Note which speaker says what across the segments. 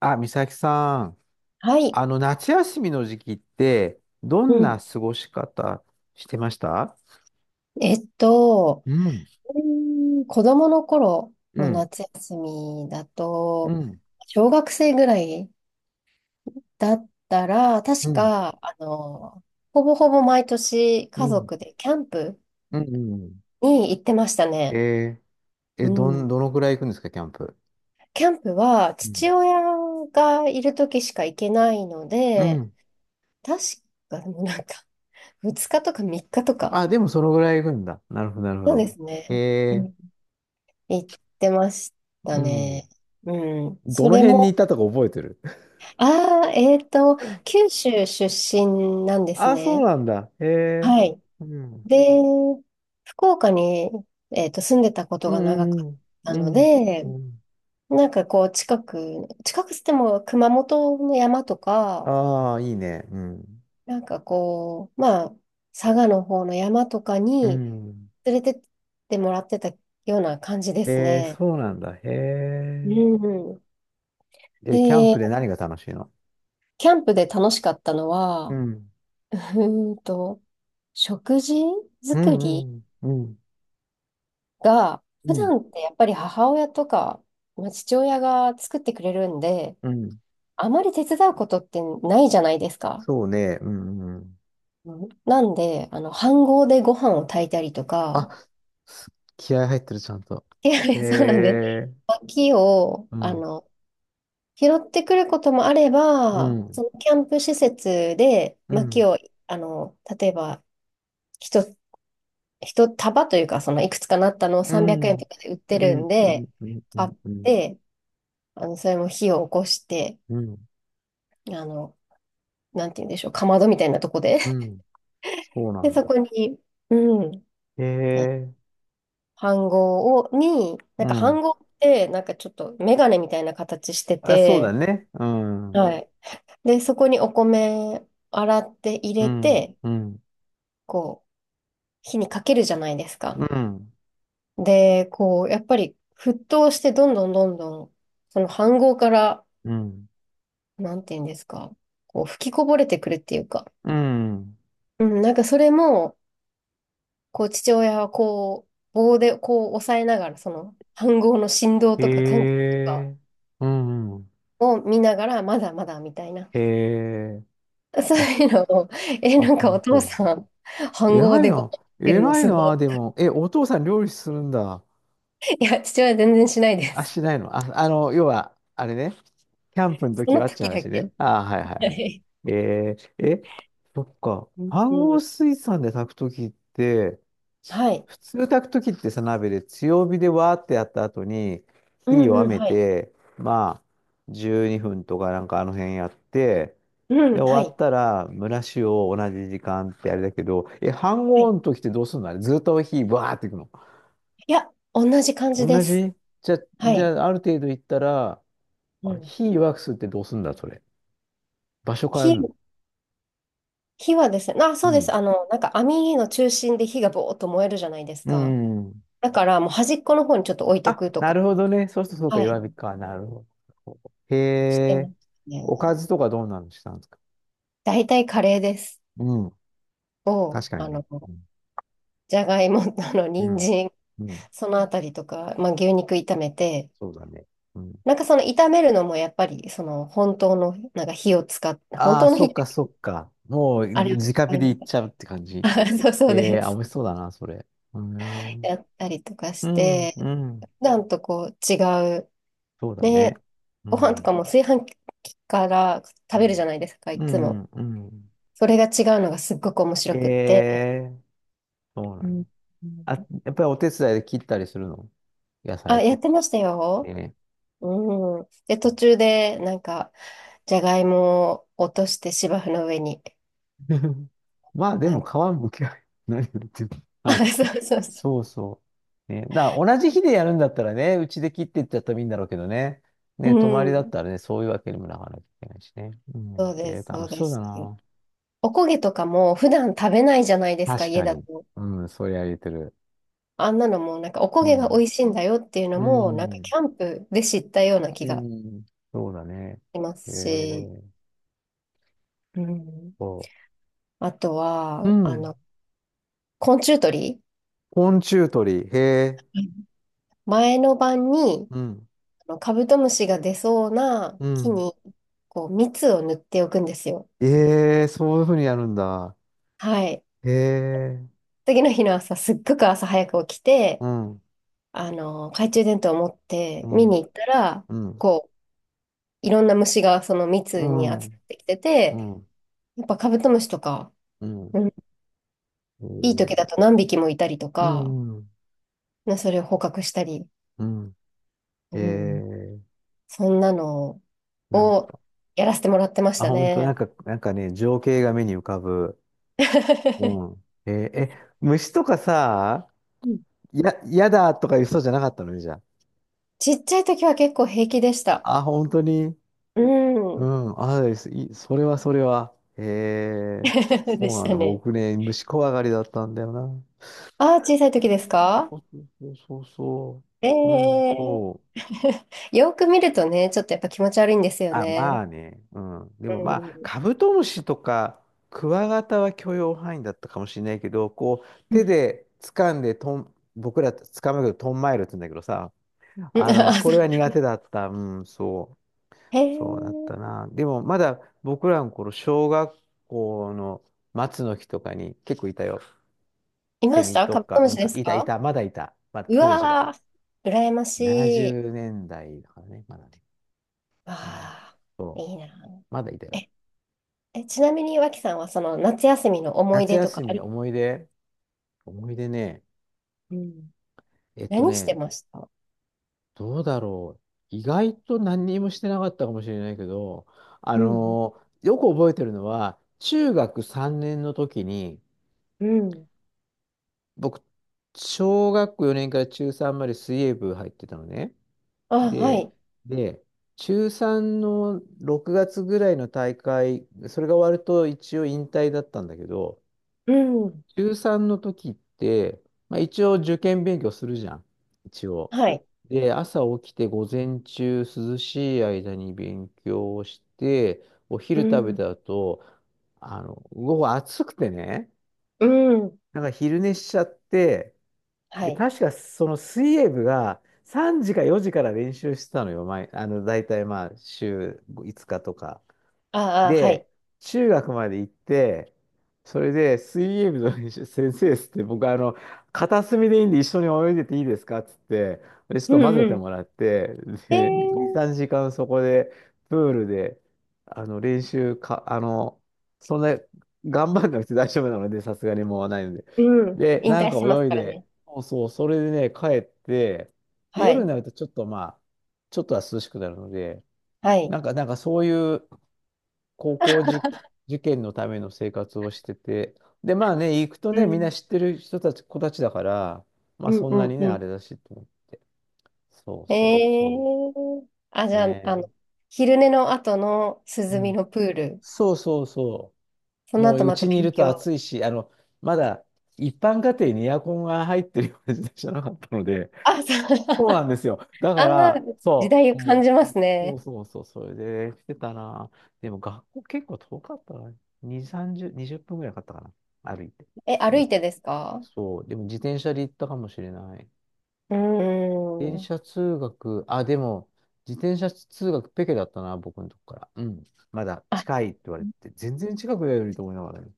Speaker 1: あ、美咲さん、
Speaker 2: はい。
Speaker 1: 夏休みの時期って、ど
Speaker 2: う
Speaker 1: んな
Speaker 2: ん。
Speaker 1: 過ごし方してました？
Speaker 2: えっと、
Speaker 1: うん、
Speaker 2: 子供の頃
Speaker 1: う
Speaker 2: の
Speaker 1: ん、
Speaker 2: 夏休みだ
Speaker 1: う
Speaker 2: と、
Speaker 1: ん、
Speaker 2: 小学生ぐらいだったら、
Speaker 1: う
Speaker 2: 確
Speaker 1: ん、
Speaker 2: か、ほぼほぼ毎年
Speaker 1: う
Speaker 2: 家
Speaker 1: ん、
Speaker 2: 族でキャンプ
Speaker 1: うん。うん。
Speaker 2: に行ってましたね。
Speaker 1: えー、え、ど
Speaker 2: う
Speaker 1: ん、
Speaker 2: ん。
Speaker 1: どのぐらい行くんですか、キャンプ。
Speaker 2: キャンプは
Speaker 1: う
Speaker 2: 父
Speaker 1: ん。
Speaker 2: 親がいる時しか行けないの
Speaker 1: う
Speaker 2: で、
Speaker 1: ん。
Speaker 2: 確か、でもなんか、2日とか3日とか。
Speaker 1: あ、でもそのぐらい行くんだ。なるほど、なるほ
Speaker 2: そうで
Speaker 1: ど。
Speaker 2: すね。
Speaker 1: えー、
Speaker 2: 行ってました
Speaker 1: うん。
Speaker 2: ね。うん。
Speaker 1: ど
Speaker 2: そ
Speaker 1: の
Speaker 2: れ
Speaker 1: 辺にい
Speaker 2: も、
Speaker 1: たとか覚えてる？
Speaker 2: ああ、九州出身なんです
Speaker 1: あ、そう
Speaker 2: ね。
Speaker 1: なんだ。へえ。
Speaker 2: はい。
Speaker 1: うん。
Speaker 2: で、福岡に、住んでたこと
Speaker 1: う
Speaker 2: が長か
Speaker 1: んう
Speaker 2: っ
Speaker 1: ん
Speaker 2: た
Speaker 1: う
Speaker 2: の
Speaker 1: ん。うん。
Speaker 2: で、
Speaker 1: うん。
Speaker 2: なんかこう、近くつっても熊本の山とか、
Speaker 1: ああ、いいね。うん。
Speaker 2: なんかこう、まあ、佐賀の方の山とか
Speaker 1: う
Speaker 2: に
Speaker 1: ん。
Speaker 2: 連れてってもらってたような感じです
Speaker 1: えー、
Speaker 2: ね。
Speaker 1: そうなんだ。へ
Speaker 2: う
Speaker 1: え。
Speaker 2: ん。
Speaker 1: え、キャン
Speaker 2: で、
Speaker 1: プで何が楽しいの？
Speaker 2: キャンプで楽しかったの
Speaker 1: う
Speaker 2: は、
Speaker 1: ん。
Speaker 2: うーんと、食事
Speaker 1: う
Speaker 2: 作り
Speaker 1: ん、うん、うん、
Speaker 2: が、
Speaker 1: う
Speaker 2: 普
Speaker 1: ん、
Speaker 2: 段ってやっぱり母親とか、まあ、父親が作ってくれるんで、
Speaker 1: うん。
Speaker 2: あまり手伝うことってないじゃないですか。
Speaker 1: そうね、うん、うん。
Speaker 2: うんなんで、飯盒でご飯を炊いたりと
Speaker 1: あ、
Speaker 2: か、
Speaker 1: す気合入ってる、ちゃんと。
Speaker 2: で
Speaker 1: へ
Speaker 2: そうなんです。
Speaker 1: え。
Speaker 2: 薪を、
Speaker 1: うん、
Speaker 2: 拾ってくることもあれ
Speaker 1: う
Speaker 2: ば、
Speaker 1: ん、
Speaker 2: そのキャンプ施設で
Speaker 1: うん、う
Speaker 2: 薪
Speaker 1: ん、
Speaker 2: を、例えば、一つ一束というか、そのいくつかなったのを
Speaker 1: う
Speaker 2: 300
Speaker 1: ん、う
Speaker 2: 円
Speaker 1: ん、
Speaker 2: とかで売って
Speaker 1: う
Speaker 2: るん
Speaker 1: ん、
Speaker 2: で、
Speaker 1: うん、
Speaker 2: 買っ
Speaker 1: うん、
Speaker 2: て、それも火を起こして、
Speaker 1: うん、
Speaker 2: あの、なんて言うんでしょう、かまどみたいなとこで。
Speaker 1: うん。そ うな
Speaker 2: で、
Speaker 1: ん
Speaker 2: そ
Speaker 1: だ。
Speaker 2: こに、うん、
Speaker 1: へえ。
Speaker 2: 飯盒を、に、な
Speaker 1: う
Speaker 2: んか
Speaker 1: ん。
Speaker 2: 飯盒って、なんかちょっとメガネみたいな形して
Speaker 1: あ、そうだ
Speaker 2: て、
Speaker 1: ね。うん、うん、
Speaker 2: はい。で、そこにお米洗って入
Speaker 1: う
Speaker 2: れ
Speaker 1: ん、
Speaker 2: て、
Speaker 1: う
Speaker 2: こう、火にかけるじゃないですか。
Speaker 1: ん、
Speaker 2: で、こう、やっぱり沸騰してどんどんどんどん、その飯盒から、
Speaker 1: うん、
Speaker 2: なんて言うんですか、こう吹きこぼれてくるっていうか、
Speaker 1: うん。
Speaker 2: うん、なんかそれも、こう父親はこう棒でこう押さえながら、その飯盒の振動
Speaker 1: え
Speaker 2: とか感覚とか
Speaker 1: え。うんうん。
Speaker 2: を見ながら、まだまだみたいな。
Speaker 1: ええ。
Speaker 2: そう
Speaker 1: あ、
Speaker 2: いうのを、え、
Speaker 1: あ、
Speaker 2: なんか
Speaker 1: 本
Speaker 2: お父
Speaker 1: 当。
Speaker 2: さん、飯盒
Speaker 1: 偉い
Speaker 2: でご飯
Speaker 1: な。
Speaker 2: 食べるの
Speaker 1: 偉い
Speaker 2: すご
Speaker 1: な、
Speaker 2: い。
Speaker 1: でも。え、お父さん料理するんだ。
Speaker 2: いや、父親全然しないで
Speaker 1: あ、
Speaker 2: す。
Speaker 1: しないの。要は、あれね。キャンプ の
Speaker 2: そ
Speaker 1: 時
Speaker 2: の
Speaker 1: はって
Speaker 2: 時だ
Speaker 1: 話
Speaker 2: け。
Speaker 1: ね。ああ、はいはい
Speaker 2: は
Speaker 1: はい。
Speaker 2: い。
Speaker 1: そっか。
Speaker 2: うん
Speaker 1: 半
Speaker 2: う
Speaker 1: 合
Speaker 2: ん。
Speaker 1: 水産で炊く時って、
Speaker 2: はい。
Speaker 1: 普通炊く時ってさ、鍋で強火でわーってやった後に、
Speaker 2: う
Speaker 1: 火
Speaker 2: ん
Speaker 1: 弱
Speaker 2: うん、
Speaker 1: め
Speaker 2: はい。
Speaker 1: て、まあ、12分とかなんかあの辺やって、
Speaker 2: うん、
Speaker 1: で、
Speaker 2: は
Speaker 1: 終わっ
Speaker 2: い。
Speaker 1: たら、蒸らしを同じ時間ってあれだけど、え、飯
Speaker 2: は
Speaker 1: 合
Speaker 2: い。
Speaker 1: の時ってどうすんの？あれずっと火わーっていくの？
Speaker 2: いや、同じ感じで
Speaker 1: 同
Speaker 2: す。
Speaker 1: じ？じゃ、
Speaker 2: は
Speaker 1: じ
Speaker 2: い。
Speaker 1: ゃあ、ある程度いったら、あ
Speaker 2: う
Speaker 1: れ、
Speaker 2: ん。
Speaker 1: 火弱くすってどうすんだ、それ。場所変えるの？
Speaker 2: 火、火はですね、あ、
Speaker 1: う
Speaker 2: そうで
Speaker 1: ん。
Speaker 2: す。なんか網の中心で火がぼーっと燃えるじゃないです
Speaker 1: う
Speaker 2: か。
Speaker 1: ん。
Speaker 2: だからもう端っこの方にちょっと置いと
Speaker 1: あ、
Speaker 2: くと
Speaker 1: な
Speaker 2: か、
Speaker 1: るほどね。そうするとそうか、
Speaker 2: は
Speaker 1: 弱
Speaker 2: い、
Speaker 1: 火か。なるほど。へ
Speaker 2: してま
Speaker 1: え。
Speaker 2: す
Speaker 1: おか
Speaker 2: ね。
Speaker 1: ずとかどうなのしたんですか？
Speaker 2: 大体カレーです。
Speaker 1: うん。
Speaker 2: を、
Speaker 1: 確かにね。うん。
Speaker 2: じゃがいも、
Speaker 1: う
Speaker 2: 人
Speaker 1: ん。
Speaker 2: 参、
Speaker 1: うん。
Speaker 2: そのあたりとか、まあ、牛肉炒めて、
Speaker 1: そうだね。うん。
Speaker 2: なんかその炒めるのもやっぱり、その本当の、なんか火を使って、本
Speaker 1: ああ、
Speaker 2: 当の
Speaker 1: そ
Speaker 2: 火っ
Speaker 1: っか、
Speaker 2: て、
Speaker 1: そっか。もう、
Speaker 2: あれを使
Speaker 1: 直火
Speaker 2: い
Speaker 1: でい
Speaker 2: な
Speaker 1: っ
Speaker 2: が
Speaker 1: ちゃうって感じ。
Speaker 2: ら、あそうそ
Speaker 1: え
Speaker 2: う
Speaker 1: え
Speaker 2: で
Speaker 1: ー、あ、美
Speaker 2: す。
Speaker 1: 味しそうだな、それ。うん。
Speaker 2: やったりとか
Speaker 1: う
Speaker 2: し
Speaker 1: ん、
Speaker 2: て、
Speaker 1: うん。
Speaker 2: 普段とこう違う、
Speaker 1: そうだね。
Speaker 2: ね、
Speaker 1: う
Speaker 2: ご飯とか
Speaker 1: ん。
Speaker 2: も炊飯器から
Speaker 1: う
Speaker 2: 食べるじゃ
Speaker 1: ん。
Speaker 2: ないですか、い
Speaker 1: う
Speaker 2: つも。
Speaker 1: ん、うん。
Speaker 2: それが違うのがすっごく面
Speaker 1: え
Speaker 2: 白くって。
Speaker 1: えー、そうな
Speaker 2: うん。
Speaker 1: ん
Speaker 2: う
Speaker 1: だ。あ、
Speaker 2: ん
Speaker 1: やっぱりお手伝いで切ったりするの？野
Speaker 2: あ、
Speaker 1: 菜
Speaker 2: や
Speaker 1: と
Speaker 2: って
Speaker 1: か。
Speaker 2: ましたよ。
Speaker 1: ね。
Speaker 2: うん。で、途中で、なんか、じゃがいもを落として芝生の上に、
Speaker 1: まあで
Speaker 2: な
Speaker 1: も
Speaker 2: んか、
Speaker 1: 皮むきは 何を言ってる の？
Speaker 2: あ、
Speaker 1: はい。
Speaker 2: そうそうそ
Speaker 1: そうそう。ね。だから同じ日でやるんだったらね、うちで切っていっちゃったらいいんだろうけどね。
Speaker 2: う。う
Speaker 1: ね、泊まりだっ
Speaker 2: ん。
Speaker 1: たらね、そういうわけにもなかなきゃいけないしね。う
Speaker 2: そ
Speaker 1: ん。
Speaker 2: うで
Speaker 1: え
Speaker 2: す、
Speaker 1: ー、
Speaker 2: そ
Speaker 1: 楽
Speaker 2: う
Speaker 1: し
Speaker 2: で
Speaker 1: そうだ
Speaker 2: す。
Speaker 1: な。
Speaker 2: おこげとかも普段食べないじゃないですか、
Speaker 1: 確
Speaker 2: 家
Speaker 1: か
Speaker 2: だ
Speaker 1: に。
Speaker 2: と。
Speaker 1: うん、それは言えてる。
Speaker 2: あんなのも、なんか、おこ
Speaker 1: う
Speaker 2: げが美
Speaker 1: ん。
Speaker 2: 味しいんだよっていうの
Speaker 1: う
Speaker 2: も、なんか、キ
Speaker 1: ん。
Speaker 2: ャンプで知ったような気
Speaker 1: う
Speaker 2: が
Speaker 1: ん。そうだね。
Speaker 2: しま
Speaker 1: え
Speaker 2: すし。
Speaker 1: ー、
Speaker 2: うん。
Speaker 1: そ
Speaker 2: あと
Speaker 1: う。う
Speaker 2: は、
Speaker 1: ん。
Speaker 2: 昆虫取り。
Speaker 1: 昆虫取り。へえ。
Speaker 2: 前の晩に
Speaker 1: うん。
Speaker 2: あのカブトムシが出そうな
Speaker 1: う
Speaker 2: 木
Speaker 1: ん。
Speaker 2: にこう蜜を塗っておくんですよ。
Speaker 1: ええ、そういうふうにやるんだ。
Speaker 2: はい。
Speaker 1: ええ、
Speaker 2: 次の日の朝、すっごく朝早く起き
Speaker 1: う
Speaker 2: て、
Speaker 1: ん、
Speaker 2: 懐中電灯を持っ
Speaker 1: う
Speaker 2: て見
Speaker 1: ん、
Speaker 2: に行ったら、
Speaker 1: うん、
Speaker 2: こう、いろんな虫がその
Speaker 1: う
Speaker 2: 蜜に集まっ
Speaker 1: ん、
Speaker 2: てきて
Speaker 1: う
Speaker 2: て、
Speaker 1: ん、
Speaker 2: やっぱカブトムシとか、
Speaker 1: うん、
Speaker 2: うん、
Speaker 1: え
Speaker 2: いい
Speaker 1: ー、
Speaker 2: 時だと何匹もいたりと
Speaker 1: う
Speaker 2: か、
Speaker 1: ん、
Speaker 2: ねそれを捕獲したり、
Speaker 1: うん、
Speaker 2: うん
Speaker 1: ええ、
Speaker 2: そんなの
Speaker 1: なん
Speaker 2: を
Speaker 1: か、
Speaker 2: やらせてもらってまし
Speaker 1: あ、
Speaker 2: た
Speaker 1: 本当、なん
Speaker 2: ね。
Speaker 1: か、なんかね、情景が目に浮かぶ。うん。えーえ、虫とかさ、
Speaker 2: うん。
Speaker 1: やだとか言う人じゃなかったのね、じゃ
Speaker 2: ちっちゃい時は結構平気でした。
Speaker 1: あ。あ、本当に。
Speaker 2: う
Speaker 1: う
Speaker 2: ん。
Speaker 1: ん、あ、いい、それはそれは。ええ、
Speaker 2: で
Speaker 1: そう
Speaker 2: し
Speaker 1: なん
Speaker 2: た
Speaker 1: だ。
Speaker 2: ね。
Speaker 1: 僕ね、虫怖がりだったんだよな。
Speaker 2: ああ、小さい時ですか？
Speaker 1: そうそうそうそ
Speaker 2: え
Speaker 1: う。うん、
Speaker 2: え
Speaker 1: そう。
Speaker 2: ー よく見るとね、ちょっとやっぱ気持ち悪いんですよ
Speaker 1: あ、ま
Speaker 2: ね。
Speaker 1: あね。うん。で
Speaker 2: う
Speaker 1: もまあ、
Speaker 2: ん。
Speaker 1: カブトムシとか、クワガタは許容範囲だったかもしれないけど、こう、
Speaker 2: う
Speaker 1: 手
Speaker 2: ん。
Speaker 1: で掴んでとん、僕ら掴むけど、トンマイルって言うんだけどさ、
Speaker 2: うんあ
Speaker 1: そ
Speaker 2: そ
Speaker 1: れは
Speaker 2: う
Speaker 1: 苦手だった。うん、そう。
Speaker 2: へ
Speaker 1: そうだっ
Speaker 2: え、
Speaker 1: たな。でも、まだ僕らの頃、小学校の松の木とかに結構いたよ。
Speaker 2: い
Speaker 1: セ
Speaker 2: まし
Speaker 1: ミ
Speaker 2: た
Speaker 1: と
Speaker 2: カブト
Speaker 1: か、
Speaker 2: ム
Speaker 1: う
Speaker 2: シ
Speaker 1: ん
Speaker 2: で
Speaker 1: か、
Speaker 2: す
Speaker 1: いた、い
Speaker 2: か？
Speaker 1: た、まだいた。まだ
Speaker 2: う
Speaker 1: 当時は。
Speaker 2: わー、羨ま
Speaker 1: 70
Speaker 2: しい。
Speaker 1: 年代だいだからね、まだね。うん、
Speaker 2: ああ、
Speaker 1: そう、
Speaker 2: いいな。
Speaker 1: まだいたよ。
Speaker 2: え、え、ちなみに脇さんはその夏休みの思い
Speaker 1: 夏
Speaker 2: 出とか
Speaker 1: 休
Speaker 2: あ？
Speaker 1: み、思い出、思い出ね、
Speaker 2: うん。
Speaker 1: えっと
Speaker 2: 何して
Speaker 1: ね、
Speaker 2: ました？
Speaker 1: どうだろう。意外と何にもしてなかったかもしれないけど、
Speaker 2: うん。
Speaker 1: よく覚えてるのは、中学3年の時に、
Speaker 2: うん。
Speaker 1: 僕、小学校4年から中3まで水泳部入ってたのね。
Speaker 2: あ、は
Speaker 1: で、
Speaker 2: い。
Speaker 1: で、中3の6月ぐらいの大会、それが終わると一応引退だったんだけど、
Speaker 2: うん。
Speaker 1: 中3の時って、まあ、一応受験勉強するじゃん。一応。
Speaker 2: はい。
Speaker 1: で、朝起きて午前中涼しい間に勉強をして、お
Speaker 2: う
Speaker 1: 昼食べた
Speaker 2: ん。
Speaker 1: 後、午後暑くてね、
Speaker 2: うん。
Speaker 1: なんか昼寝しちゃって、
Speaker 2: は
Speaker 1: で、
Speaker 2: い。
Speaker 1: 確かその水泳部が3時か4時から練習してたのよ。前、大体まあ週5日とか。
Speaker 2: ああ、は
Speaker 1: で、
Speaker 2: い。
Speaker 1: 中学まで行って、それで水泳部の練習先生っつって、僕、片隅でいいんで一緒に泳いでていいですかっつって、で、ちょっ
Speaker 2: う
Speaker 1: と混
Speaker 2: ん。
Speaker 1: ぜ
Speaker 2: う
Speaker 1: て
Speaker 2: ん。
Speaker 1: もらって、
Speaker 2: えー、
Speaker 1: で、2、3時間そこで、プールで、あの、練習か、あの、そんな、頑張んなくて大丈夫なので、さすがにもうないので。
Speaker 2: うん。
Speaker 1: で、
Speaker 2: 引
Speaker 1: なん
Speaker 2: 退
Speaker 1: か
Speaker 2: してます
Speaker 1: 泳い
Speaker 2: から
Speaker 1: で、
Speaker 2: ね。
Speaker 1: そうそう、それでね、帰って、で、
Speaker 2: は
Speaker 1: 夜に
Speaker 2: い。
Speaker 1: なるとちょっとまあ、ちょっとは涼しくなるので、
Speaker 2: はい。
Speaker 1: なんかそういう、高校受、受験のための生活をしてて、で、まあね、行くと
Speaker 2: う
Speaker 1: ね、みんな
Speaker 2: ん。
Speaker 1: 知ってる人たち、子たちだから、まあ
Speaker 2: うん
Speaker 1: そ
Speaker 2: う
Speaker 1: んな
Speaker 2: ん
Speaker 1: に
Speaker 2: う
Speaker 1: ね、あ
Speaker 2: ん。
Speaker 1: れだしと。そう
Speaker 2: え
Speaker 1: そうそ
Speaker 2: ー、あ、
Speaker 1: う。
Speaker 2: じゃあ、
Speaker 1: ね
Speaker 2: 昼寝の後の
Speaker 1: え。う
Speaker 2: 涼み
Speaker 1: ん。
Speaker 2: のプール。
Speaker 1: そうそうそ
Speaker 2: そ
Speaker 1: う。
Speaker 2: の
Speaker 1: もう
Speaker 2: 後
Speaker 1: う
Speaker 2: また
Speaker 1: ちにい
Speaker 2: 勉
Speaker 1: ると
Speaker 2: 強。
Speaker 1: 暑いし、まだ一般家庭にエアコンが入ってるような時代じゃなかったので、
Speaker 2: あ、そう。
Speaker 1: そうなん ですよ。だか
Speaker 2: あ
Speaker 1: ら、
Speaker 2: ー、時
Speaker 1: そ
Speaker 2: 代を
Speaker 1: う、
Speaker 2: 感
Speaker 1: も
Speaker 2: じます
Speaker 1: う、そう
Speaker 2: ね。
Speaker 1: そうそう、それでしてたな。でも学校結構遠かったな。2、30、20分ぐらいかかったかな。歩いて。
Speaker 2: え、歩いてですか？
Speaker 1: そう、でも自転車で行ったかもしれない。
Speaker 2: うー
Speaker 1: 自転
Speaker 2: ん。
Speaker 1: 車通学、あ、でも、自転車通学ペケだったな、僕のとこから。うん。まだ
Speaker 2: あ
Speaker 1: 近いって言われて、全然近くだよりと思いながらね。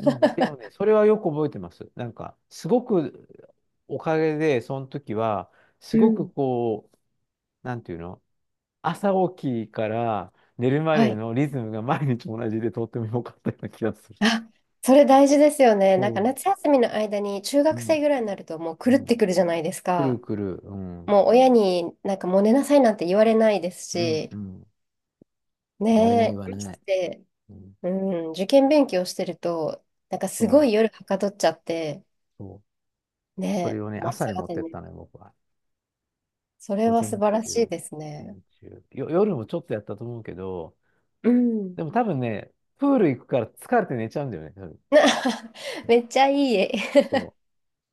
Speaker 1: うん。でもね、それはよく覚えてます。なんか、すごく、おかげで、その時は、す
Speaker 2: う
Speaker 1: ごく
Speaker 2: ん。
Speaker 1: こう、なんていうの？朝起きから寝るま
Speaker 2: は
Speaker 1: で
Speaker 2: い。
Speaker 1: のリズムが毎日同じでとっても良かったような気がする。
Speaker 2: あ、それ大事ですよね。なんか
Speaker 1: そ
Speaker 2: 夏休みの間に中
Speaker 1: う。う
Speaker 2: 学
Speaker 1: ん。
Speaker 2: 生ぐらいになるともう狂っ
Speaker 1: うん。
Speaker 2: てくるじゃないです
Speaker 1: くる
Speaker 2: か。
Speaker 1: くる、うん。
Speaker 2: もう親になんかもう寝なさいなんて言われないです
Speaker 1: うん。
Speaker 2: し、
Speaker 1: うん。言われない言
Speaker 2: ね
Speaker 1: わ
Speaker 2: え、
Speaker 1: れ
Speaker 2: まし
Speaker 1: ない。
Speaker 2: て、
Speaker 1: うん、
Speaker 2: うん、受験勉強してると、なんかす
Speaker 1: そ
Speaker 2: ご
Speaker 1: う、
Speaker 2: い夜はかどっちゃって、
Speaker 1: そう。そ
Speaker 2: ね
Speaker 1: れをね、
Speaker 2: え、もう朝
Speaker 1: 朝に持っ
Speaker 2: 方
Speaker 1: てっ
Speaker 2: に。
Speaker 1: たのよ、僕は。
Speaker 2: それ
Speaker 1: 午
Speaker 2: は
Speaker 1: 前
Speaker 2: 素
Speaker 1: 中、
Speaker 2: 晴らしい
Speaker 1: 午
Speaker 2: ですね。
Speaker 1: 前中。夜もちょっとやったと思うけど、
Speaker 2: うん。
Speaker 1: でも多分ね、プール行くから疲れて寝ちゃうんだよね、多分。
Speaker 2: な
Speaker 1: そう、
Speaker 2: めっちゃいい絵。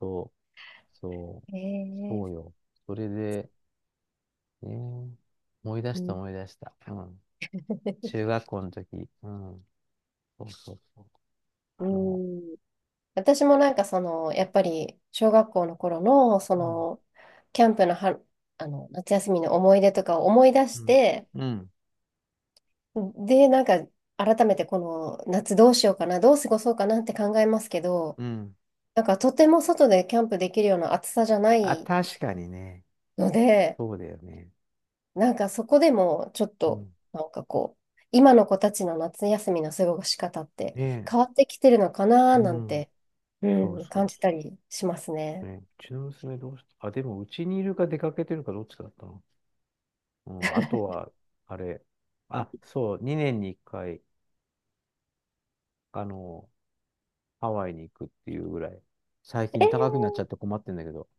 Speaker 1: そう、そう、
Speaker 2: え
Speaker 1: そう
Speaker 2: ー
Speaker 1: よ。それで、ね、思い出し
Speaker 2: う
Speaker 1: た
Speaker 2: ん。
Speaker 1: 思い出した。うん。中学校の時。うん。そうそうそう。
Speaker 2: う
Speaker 1: あの、
Speaker 2: ん私もなんかその、やっぱり小学校の頃の、そ
Speaker 1: うん、
Speaker 2: の、キャンプのは、夏休みの思い出とかを思い出
Speaker 1: う
Speaker 2: し
Speaker 1: ん、
Speaker 2: て、
Speaker 1: うん、
Speaker 2: で、なんか改めてこの夏どうしようかな、どう過ごそうかなって考えますけど、
Speaker 1: うん。
Speaker 2: なんかとても外でキャンプできるような暑さじゃな
Speaker 1: あ、
Speaker 2: い
Speaker 1: 確かにね、
Speaker 2: ので、
Speaker 1: そうだよね。
Speaker 2: なんかそこでもちょっ
Speaker 1: う
Speaker 2: と、
Speaker 1: ん。
Speaker 2: なんかこう、今の子たちの夏休みの過ごし方って
Speaker 1: ね
Speaker 2: 変
Speaker 1: え、
Speaker 2: わってきてるのかな
Speaker 1: う
Speaker 2: なん
Speaker 1: ん。
Speaker 2: て、う
Speaker 1: そう
Speaker 2: ん、
Speaker 1: そ
Speaker 2: 感
Speaker 1: うそ
Speaker 2: じたりします
Speaker 1: う
Speaker 2: ね。
Speaker 1: ね。うちの娘どうしたあ、でもうちにいるか出かけてるかどっちだったの？うん。あとは、あれ。あ、そう、2年に1回、あの、ハワイに行くっていうぐらい。最近
Speaker 2: え
Speaker 1: 高くなっちゃって困ってんだけど。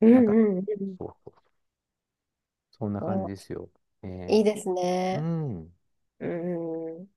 Speaker 2: うん
Speaker 1: なんか、
Speaker 2: うんうん。
Speaker 1: そうそう。そんな感じで
Speaker 2: あ
Speaker 1: すよ。え
Speaker 2: いいです
Speaker 1: ー、う
Speaker 2: ね。
Speaker 1: ん。
Speaker 2: うん。